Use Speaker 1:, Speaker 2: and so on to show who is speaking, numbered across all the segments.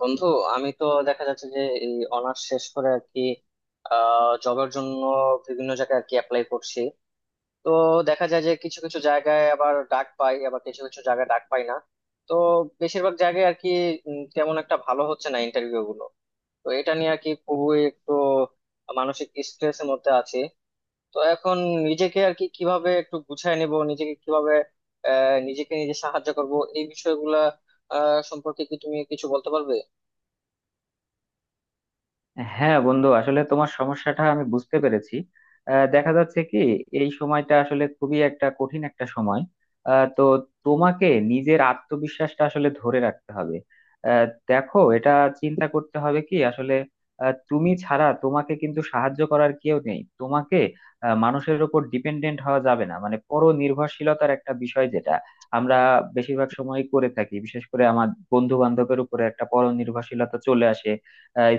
Speaker 1: বন্ধু, আমি তো দেখা যাচ্ছে যে এই অনার্স শেষ করে আর কি জবের জন্য বিভিন্ন জায়গায় আর কি অ্যাপ্লাই করছি। তো দেখা যায় যে কিছু কিছু জায়গায় আবার ডাক পাই, আবার কিছু কিছু জায়গায় ডাক পাই না। তো বেশিরভাগ জায়গায় আর কি তেমন একটা ভালো হচ্ছে না ইন্টারভিউ গুলো। তো এটা নিয়ে আর কি খুবই একটু মানসিক স্ট্রেসের মধ্যে আছি। তো এখন নিজেকে আর কি কিভাবে একটু গুছায় নিব, নিজেকে কিভাবে নিজেকে নিজে সাহায্য করব, এই বিষয়গুলা সম্পর্কে কি তুমি কিছু বলতে পারবে?
Speaker 2: হ্যাঁ বন্ধু আসলে তোমার সমস্যাটা আমি বুঝতে পেরেছি। দেখা যাচ্ছে কি, এই সময়টা আসলে খুবই একটা কঠিন একটা সময়। তো তোমাকে নিজের আত্মবিশ্বাসটা আসলে ধরে রাখতে হবে। দেখো, এটা চিন্তা করতে হবে কি আসলে তুমি ছাড়া তোমাকে কিন্তু সাহায্য করার কেউ নেই। তোমাকে মানুষের উপর ডিপেন্ডেন্ট হওয়া যাবে না। মানে পরনির্ভরশীলতার একটা বিষয় যেটা আমরা বেশিরভাগ সময় করে থাকি, বিশেষ করে আমার বন্ধু বান্ধবের উপরে একটা পরনির্ভরশীলতা চলে আসে।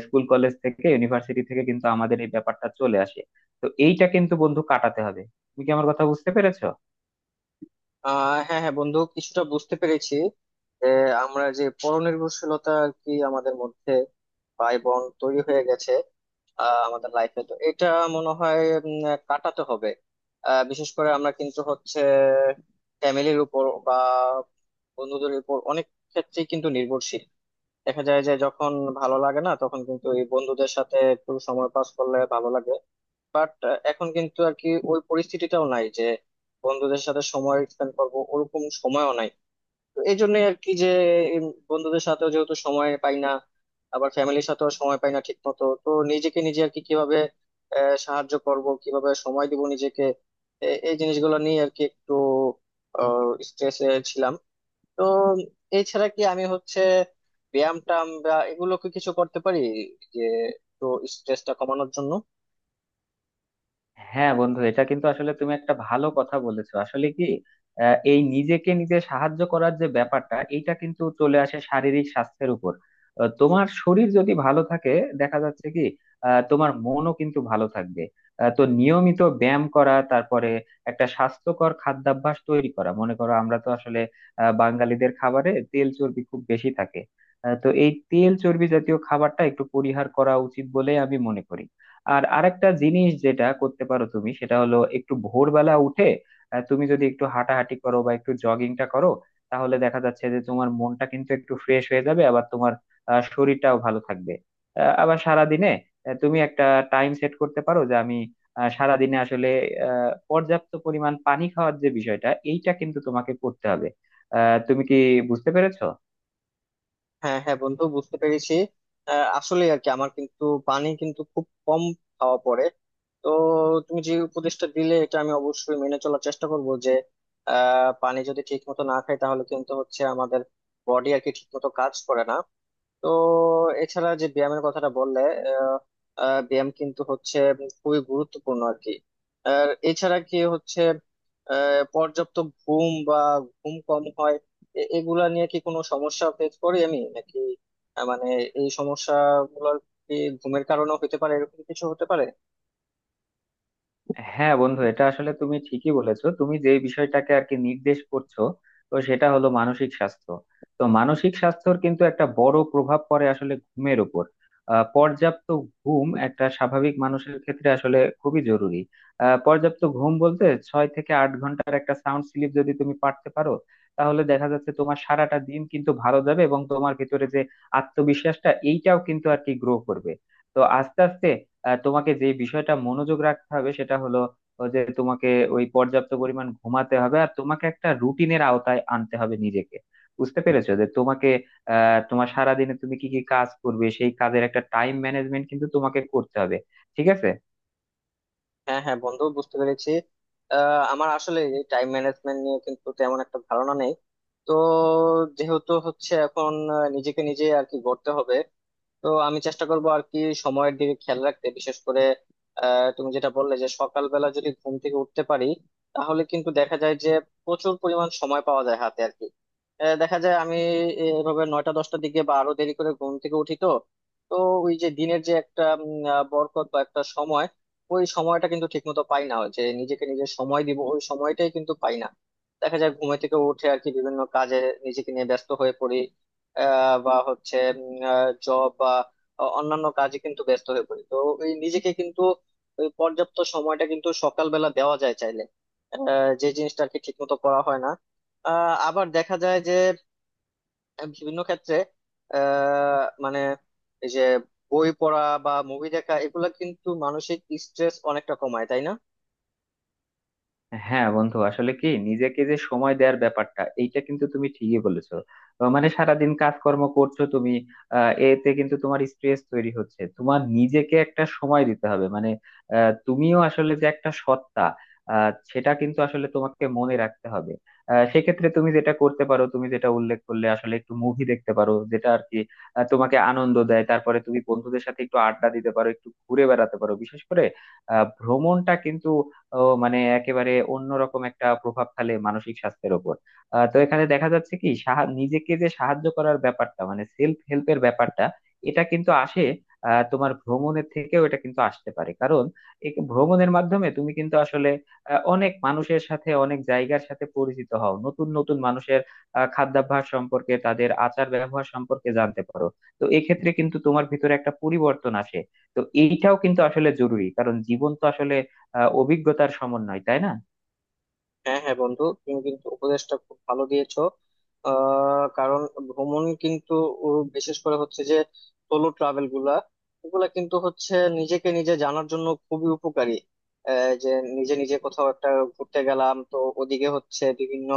Speaker 2: স্কুল কলেজ থেকে ইউনিভার্সিটি থেকে কিন্তু আমাদের এই ব্যাপারটা চলে আসে। তো এইটা কিন্তু বন্ধু কাটাতে হবে। তুমি কি আমার কথা বুঝতে পেরেছো?
Speaker 1: হ্যাঁ হ্যাঁ বন্ধু, কিছুটা বুঝতে পেরেছি। যে আমরা যে পরনির্ভরশীলতা আর কি আমাদের মধ্যে ভাই বোন তৈরি হয়ে গেছে, আমাদের লাইফে তো এটা মনে হয় উম, কাটাতে হবে। বিশেষ করে আমরা কিন্তু হচ্ছে ফ্যামিলির উপর বা বন্ধুদের উপর অনেক ক্ষেত্রেই কিন্তু নির্ভরশীল। দেখা যায় যে যখন ভালো লাগে না, তখন কিন্তু এই বন্ধুদের সাথে একটু সময় পাস করলে ভালো লাগে। বাট এখন কিন্তু আর কি ওই পরিস্থিতিটাও নাই যে বন্ধুদের সাথে সময় স্পেন্ড করবো, ওরকম সময়ও নাই। তো এই জন্যই আর কি যে বন্ধুদের সাথেও যেহেতু সময় পাই না, আবার ফ্যামিলির সাথেও সময় পাই না ঠিক মতো, তো নিজেকে নিজে আর কি কিভাবে সাহায্য করব, কিভাবে সময় দিব নিজেকে, এই জিনিসগুলো নিয়ে আর কি একটু স্ট্রেসে ছিলাম। তো এছাড়া কি আমি হচ্ছে ব্যায়াম টাম বা এগুলো কি কিছু করতে পারি যে একটু স্ট্রেসটা কমানোর জন্য?
Speaker 2: হ্যাঁ বন্ধু, এটা কিন্তু আসলে তুমি একটা ভালো কথা বলেছো। আসলে কি, এই নিজেকে নিজে সাহায্য করার যে ব্যাপারটা, এটা কিন্তু চলে আসে শারীরিক স্বাস্থ্যের উপর। তোমার শরীর যদি ভালো থাকে, দেখা যাচ্ছে কি তোমার মনও কিন্তু ভালো থাকবে। তো নিয়মিত ব্যায়াম করা, তারপরে একটা স্বাস্থ্যকর খাদ্যাভ্যাস তৈরি করা। মনে করো আমরা তো আসলে বাঙালিদের খাবারে তেল চর্বি খুব বেশি থাকে। তো এই তেল চর্বি জাতীয় খাবারটা একটু পরিহার করা উচিত বলে আমি মনে করি। আর আরেকটা জিনিস যেটা করতে পারো তুমি, সেটা হলো একটু ভোরবেলা উঠে তুমি যদি একটু হাঁটাহাঁটি করো বা একটু জগিংটা করো, তাহলে দেখা যাচ্ছে যে তোমার মনটা কিন্তু একটু ফ্রেশ হয়ে যাবে। আবার তোমার শরীরটাও ভালো থাকবে। আবার সারাদিনে তুমি একটা টাইম সেট করতে পারো যে আমি সারাদিনে আসলে পর্যাপ্ত পরিমাণ পানি খাওয়ার যে বিষয়টা, এইটা কিন্তু তোমাকে করতে হবে। তুমি কি বুঝতে পেরেছো?
Speaker 1: হ্যাঁ হ্যাঁ বন্ধু বুঝতে পেরেছি। আসলে আর কি আমার কিন্তু পানি কিন্তু খুব কম খাওয়া পড়ে। তো তুমি যে উপদেশটা দিলে এটা আমি অবশ্যই মেনে চলার চেষ্টা করব। যে পানি যদি ঠিক মতো না খাই তাহলে কিন্তু হচ্ছে আমাদের বডি আর কি ঠিক মতো কাজ করে না। তো এছাড়া যে ব্যায়ামের কথাটা বললে, আহ, আহ, ব্যায়াম কিন্তু হচ্ছে খুবই গুরুত্বপূর্ণ আর কি। আর এছাড়া কি হচ্ছে পর্যাপ্ত ঘুম বা ঘুম কম হয়, এগুলা নিয়ে কি কোনো সমস্যা ফেস করি আমি নাকি? মানে এই সমস্যাগুলোর কি ঘুমের কারণেও হতে পারে, এরকম কিছু হতে পারে?
Speaker 2: হ্যাঁ বন্ধু, এটা আসলে তুমি ঠিকই বলেছো। তুমি যে বিষয়টাকে আর কি নির্দেশ করছো, তো সেটা হলো মানসিক স্বাস্থ্য। তো মানসিক স্বাস্থ্যর কিন্তু একটা বড় প্রভাব পড়ে আসলে ঘুমের উপর। পর্যাপ্ত ঘুম একটা স্বাভাবিক মানুষের ক্ষেত্রে আসলে খুবই জরুরি। পর্যাপ্ত ঘুম বলতে 6 থেকে 8 ঘন্টার একটা সাউন্ড স্লিপ যদি তুমি পারতে পারো, তাহলে দেখা যাচ্ছে তোমার সারাটা দিন কিন্তু ভালো যাবে এবং তোমার ভিতরে যে আত্মবিশ্বাসটা, এইটাও কিন্তু আর কি গ্রো করবে। তো আস্তে আস্তে তোমাকে যে বিষয়টা মনোযোগ রাখতে হবে সেটা হলো ও যে তোমাকে ওই পর্যাপ্ত পরিমাণ ঘুমাতে হবে, আর তোমাকে একটা রুটিনের আওতায় আনতে হবে নিজেকে। বুঝতে পেরেছো? যে তোমাকে তোমার সারাদিনে তুমি কি কি কাজ করবে সেই কাজের একটা টাইম ম্যানেজমেন্ট কিন্তু তোমাকে করতে হবে, ঠিক আছে?
Speaker 1: হ্যাঁ হ্যাঁ বন্ধু বুঝতে পেরেছি। আমার আসলে এই টাইম ম্যানেজমেন্ট নিয়ে কিন্তু তেমন একটা ধারণা নেই। তো যেহেতু হচ্ছে এখন নিজেকে নিজে আর কি গড়তে হবে, তো আমি চেষ্টা করবো আর কি সময়ের দিকে খেয়াল রাখতে। বিশেষ করে তুমি যেটা বললে যে সকালবেলা যদি ঘুম থেকে উঠতে পারি, তাহলে কিন্তু দেখা যায় যে প্রচুর পরিমাণ সময় পাওয়া যায় হাতে আর কি। দেখা যায় আমি এভাবে নয়টা দশটার দিকে বা আরো দেরি করে ঘুম থেকে উঠি। তো তো ওই যে দিনের যে একটা বরকত বা একটা সময়, ওই সময়টা কিন্তু ঠিকমতো পাই না, ওই যে নিজেকে নিজে সময় দিব ওই সময়টাই কিন্তু পাই না। দেখা যায় ঘুমে থেকে উঠে আর কি বিভিন্ন কাজে নিজেকে নিয়ে ব্যস্ত হয়ে পড়ি। বা হচ্ছে জব বা অন্যান্য কাজে কিন্তু ব্যস্ত হয়ে পড়ি। তো ওই নিজেকে কিন্তু ওই পর্যাপ্ত সময়টা কিন্তু সকালবেলা দেওয়া যায় চাইলে, যে জিনিসটা আর কি ঠিক মতো করা হয় না। আবার দেখা যায় যে বিভিন্ন ক্ষেত্রে মানে এই যে বই পড়া বা মুভি দেখা, এগুলা কিন্তু মানসিক স্ট্রেস অনেকটা কমায়, তাই না?
Speaker 2: হ্যাঁ বন্ধু, আসলে কি নিজেকে যে সময় দেওয়ার ব্যাপারটা, এইটা কিন্তু তুমি ঠিকই বলেছো। মানে সারাদিন কাজকর্ম করছো তুমি, এতে কিন্তু তোমার স্ট্রেস তৈরি হচ্ছে। তোমার নিজেকে একটা সময় দিতে হবে। মানে তুমিও আসলে যে একটা সত্তা, সেটা কিন্তু আসলে তোমাকে মনে রাখতে হবে। সেক্ষেত্রে তুমি যেটা করতে পারো, তুমি যেটা উল্লেখ করলে আসলে, একটু মুভি দেখতে পারো যেটা আর কি তোমাকে আনন্দ দেয়। তারপরে তুমি বন্ধুদের সাথে একটু আড্ডা দিতে পারো, একটু ঘুরে বেড়াতে পারো। বিশেষ করে ভ্রমণটা কিন্তু ও মানে একেবারে অন্যরকম একটা প্রভাব ফেলে মানসিক স্বাস্থ্যের উপর। তো এখানে দেখা যাচ্ছে কি, নিজেকে যে সাহায্য করার ব্যাপারটা, মানে সেলফ হেল্পের ব্যাপারটা, এটা কিন্তু আসে তোমার ভ্রমণের থেকেও। এটা কিন্তু আসতে পারে কারণ এই ভ্রমণের মাধ্যমে তুমি কিন্তু আসলে অনেক মানুষের সাথে, অনেক জায়গার সাথে পরিচিত হও। নতুন নতুন মানুষের খাদ্যাভ্যাস সম্পর্কে, তাদের আচার ব্যবহার সম্পর্কে জানতে পারো। তো এক্ষেত্রে কিন্তু তোমার ভিতরে একটা পরিবর্তন আসে। তো এইটাও কিন্তু আসলে জরুরি, কারণ জীবন তো আসলে অভিজ্ঞতার সমন্বয়, তাই না?
Speaker 1: হ্যাঁ হ্যাঁ বন্ধু, তুমি কিন্তু উপদেশটা খুব ভালো দিয়েছো। কারণ ভ্রমণ কিন্তু ও বিশেষ করে হচ্ছে যে সোলো ট্রাভেল গুলা, এগুলা কিন্তু হচ্ছে নিজেকে নিজে জানার জন্য খুবই উপকারী। যে নিজে নিজে কোথাও একটা ঘুরতে গেলাম, তো ওদিকে হচ্ছে বিভিন্ন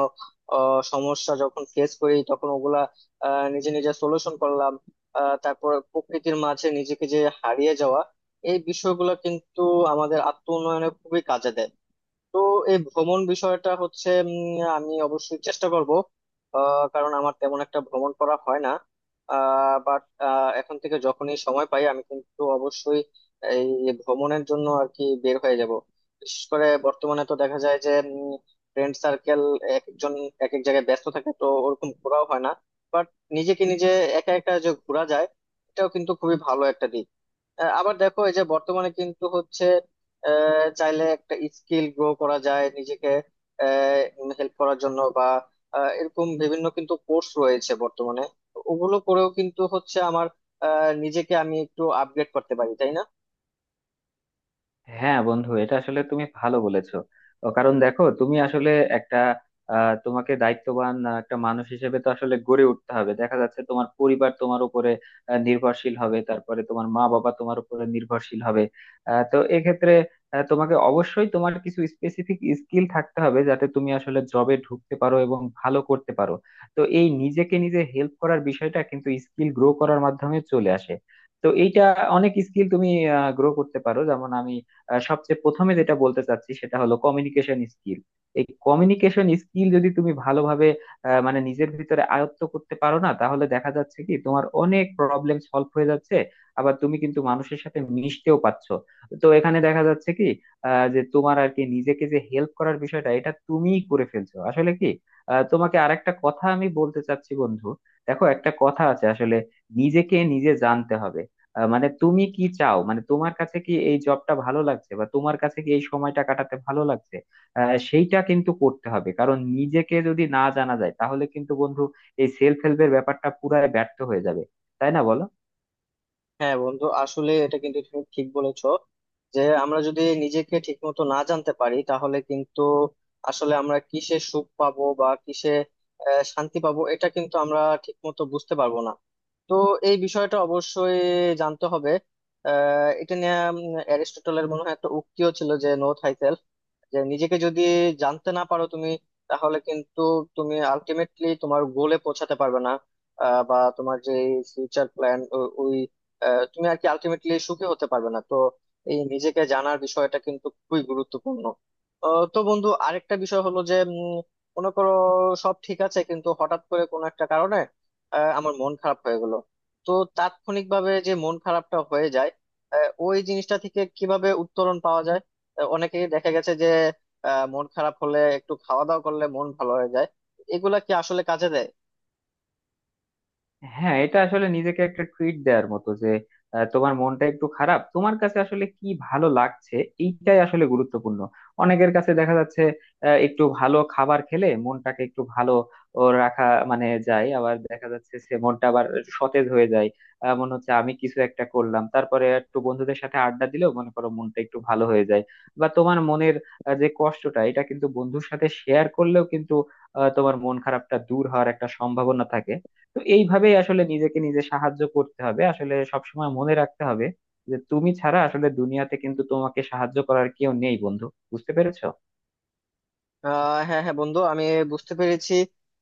Speaker 1: সমস্যা যখন ফেস করি, তখন ওগুলা নিজে নিজে সলিউশন করলাম। তারপর প্রকৃতির মাঝে নিজেকে যে হারিয়ে যাওয়া, এই বিষয়গুলো কিন্তু আমাদের আত্ম উন্নয়নে খুবই কাজে দেয়। তো এই ভ্রমণ বিষয়টা হচ্ছে আমি অবশ্যই চেষ্টা করব। কারণ আমার তেমন একটা ভ্রমণ করা হয় না। বাট এখন থেকে যখনই সময় পাই, আমি কিন্তু অবশ্যই এই ভ্রমণের জন্য আর কি বের হয়ে যাব। বিশেষ করে বর্তমানে তো দেখা যায় যে ফ্রেন্ড সার্কেল এক একজন এক এক জায়গায় ব্যস্ত থাকে, তো ওরকম ঘোরাও হয় না। বাট নিজেকে নিজে একা একা যে ঘোরা যায়, এটাও কিন্তু খুবই ভালো একটা দিক। আবার দেখো, এই যে বর্তমানে কিন্তু হচ্ছে চাইলে একটা স্কিল গ্রো করা যায় নিজেকে হেল্প করার জন্য, বা এরকম বিভিন্ন কিন্তু কোর্স রয়েছে বর্তমানে। ওগুলো করেও কিন্তু হচ্ছে আমার নিজেকে আমি একটু আপগ্রেড করতে পারি, তাই না?
Speaker 2: হ্যাঁ বন্ধু, এটা আসলে তুমি ভালো বলেছো। ও কারণ দেখো, তুমি আসলে একটা তোমাকে দায়িত্ববান একটা মানুষ হিসেবে তো আসলে গড়ে উঠতে হবে। দেখা যাচ্ছে তোমার পরিবার তোমার উপরে নির্ভরশীল হবে, তারপরে তোমার মা বাবা তোমার উপরে নির্ভরশীল হবে। তো এক্ষেত্রে তোমাকে অবশ্যই তোমার কিছু স্পেসিফিক স্কিল থাকতে হবে, যাতে তুমি আসলে জবে ঢুকতে পারো এবং ভালো করতে পারো। তো এই নিজেকে নিজে হেল্প করার বিষয়টা কিন্তু স্কিল গ্রো করার মাধ্যমে চলে আসে। তো এইটা অনেক স্কিল তুমি গ্রো করতে পারো। যেমন আমি সবচেয়ে প্রথমে যেটা বলতে চাচ্ছি সেটা হলো কমিউনিকেশন স্কিল। এই কমিউনিকেশন স্কিল যদি তুমি ভালোভাবে মানে নিজের ভিতরে আয়ত্ত করতে পারো না, তাহলে দেখা যাচ্ছে কি তোমার অনেক প্রবলেম সলভ হয়ে যাচ্ছে। আবার তুমি কিন্তু মানুষের সাথে মিশতেও পারছো। তো এখানে দেখা যাচ্ছে কি যে তোমার আর কি নিজেকে যে হেল্প করার বিষয়টা, এটা তুমিই করে ফেলছো। আসলে কি তোমাকে আরেকটা কথা আমি বলতে চাচ্ছি বন্ধু, দেখো একটা কথা আছে আসলে, নিজেকে নিজে জানতে হবে। মানে তুমি কি চাও, মানে তোমার কাছে কি এই জবটা ভালো লাগছে, বা তোমার কাছে কি এই সময়টা কাটাতে ভালো লাগছে, সেইটা কিন্তু করতে হবে। কারণ নিজেকে যদি না জানা যায়, তাহলে কিন্তু বন্ধু এই সেলফ হেল্পের ব্যাপারটা পুরাই ব্যর্থ হয়ে যাবে। তাই না, বলো?
Speaker 1: হ্যাঁ বন্ধু, আসলে এটা কিন্তু তুমি ঠিক বলেছো। যে আমরা যদি নিজেকে ঠিক মতো না জানতে পারি, তাহলে কিন্তু আসলে আমরা কিসে সুখ পাবো বা কিসে শান্তি পাবো, এটা কিন্তু আমরা ঠিক মতো বুঝতে পারবো না। তো এই বিষয়টা অবশ্যই জানতে হবে। এটা নিয়ে অ্যারিস্টটলের মনে হয় একটা উক্তিও ছিল, যে নো থাইসেল্ফ। যে নিজেকে যদি জানতে না পারো তুমি, তাহলে কিন্তু তুমি আলটিমেটলি তোমার গোলে পৌঁছাতে পারবে না। বা তোমার যে ফিউচার প্ল্যান, ওই তুমি আর কি আলটিমেটলি সুখী হতে পারবে না। তো এই নিজেকে জানার বিষয়টা কিন্তু খুবই গুরুত্বপূর্ণ। তো বন্ধু, আরেকটা বিষয় হলো যে মনে করো সব ঠিক আছে, কিন্তু হঠাৎ করে কোনো একটা কারণে আমার মন খারাপ হয়ে গেল। তো তাৎক্ষণিকভাবে যে মন খারাপটা হয়ে যায়, ওই জিনিসটা থেকে কিভাবে উত্তরণ পাওয়া যায়? অনেকেই দেখা গেছে যে মন খারাপ হলে একটু খাওয়া দাওয়া করলে মন ভালো হয়ে যায়। এগুলা কি আসলে কাজে দেয়?
Speaker 2: হ্যাঁ, এটা আসলে নিজেকে একটা ট্রিট দেওয়ার মতো। যে তোমার মনটা একটু খারাপ, তোমার কাছে আসলে কি ভালো লাগছে, এইটাই আসলে গুরুত্বপূর্ণ। অনেকের কাছে দেখা যাচ্ছে একটু ভালো খাবার খেলে মনটাকে একটু ভালো ও রাখা মানে যায়। আবার দেখা যাচ্ছে সে মনটা আবার একটু সতেজ হয়ে যায়। মনে হচ্ছে আমি কিছু একটা করলাম। তারপরে একটু বন্ধুদের সাথে আড্ডা দিলেও, মনে করো, মনটা একটু ভালো হয়ে যায়। বা তোমার মনের যে কষ্টটা, এটা কিন্তু বন্ধুর সাথে শেয়ার করলেও কিন্তু তোমার মন খারাপটা দূর হওয়ার একটা সম্ভাবনা থাকে। তো এইভাবেই আসলে নিজেকে নিজে সাহায্য করতে হবে। আসলে সবসময় মনে রাখতে হবে যে তুমি ছাড়া আসলে দুনিয়াতে কিন্তু তোমাকে সাহায্য করার কেউ নেই বন্ধু। বুঝতে পেরেছো?
Speaker 1: হ্যাঁ হ্যাঁ বন্ধু, আমি বুঝতে পেরেছি।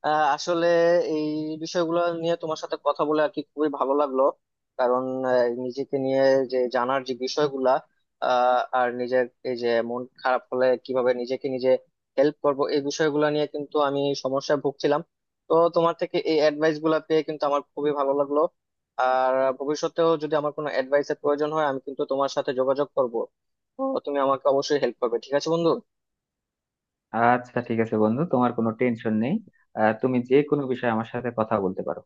Speaker 1: আসলে এই বিষয়গুলো নিয়ে তোমার সাথে কথা বলে আর কি খুবই ভালো লাগলো। কারণ আহ, নিজেকে নিয়ে যে জানার যে বিষয়গুলা, আর নিজের এই যে মন খারাপ হলে কিভাবে নিজেকে নিজে হেল্প করব, এই বিষয়গুলো নিয়ে কিন্তু আমি সমস্যায় ভুগছিলাম। তো তোমার থেকে এই অ্যাডভাইস গুলা পেয়ে কিন্তু আমার খুবই ভালো লাগলো। আর ভবিষ্যতেও যদি আমার কোনো অ্যাডভাইসের প্রয়োজন হয়, আমি কিন্তু তোমার সাথে যোগাযোগ করবো। তো তুমি আমাকে অবশ্যই হেল্প করবে, ঠিক আছে বন্ধু?
Speaker 2: আচ্ছা, ঠিক আছে বন্ধু, তোমার কোনো টেনশন নেই। তুমি যে কোনো বিষয়ে আমার সাথে কথা বলতে পারো।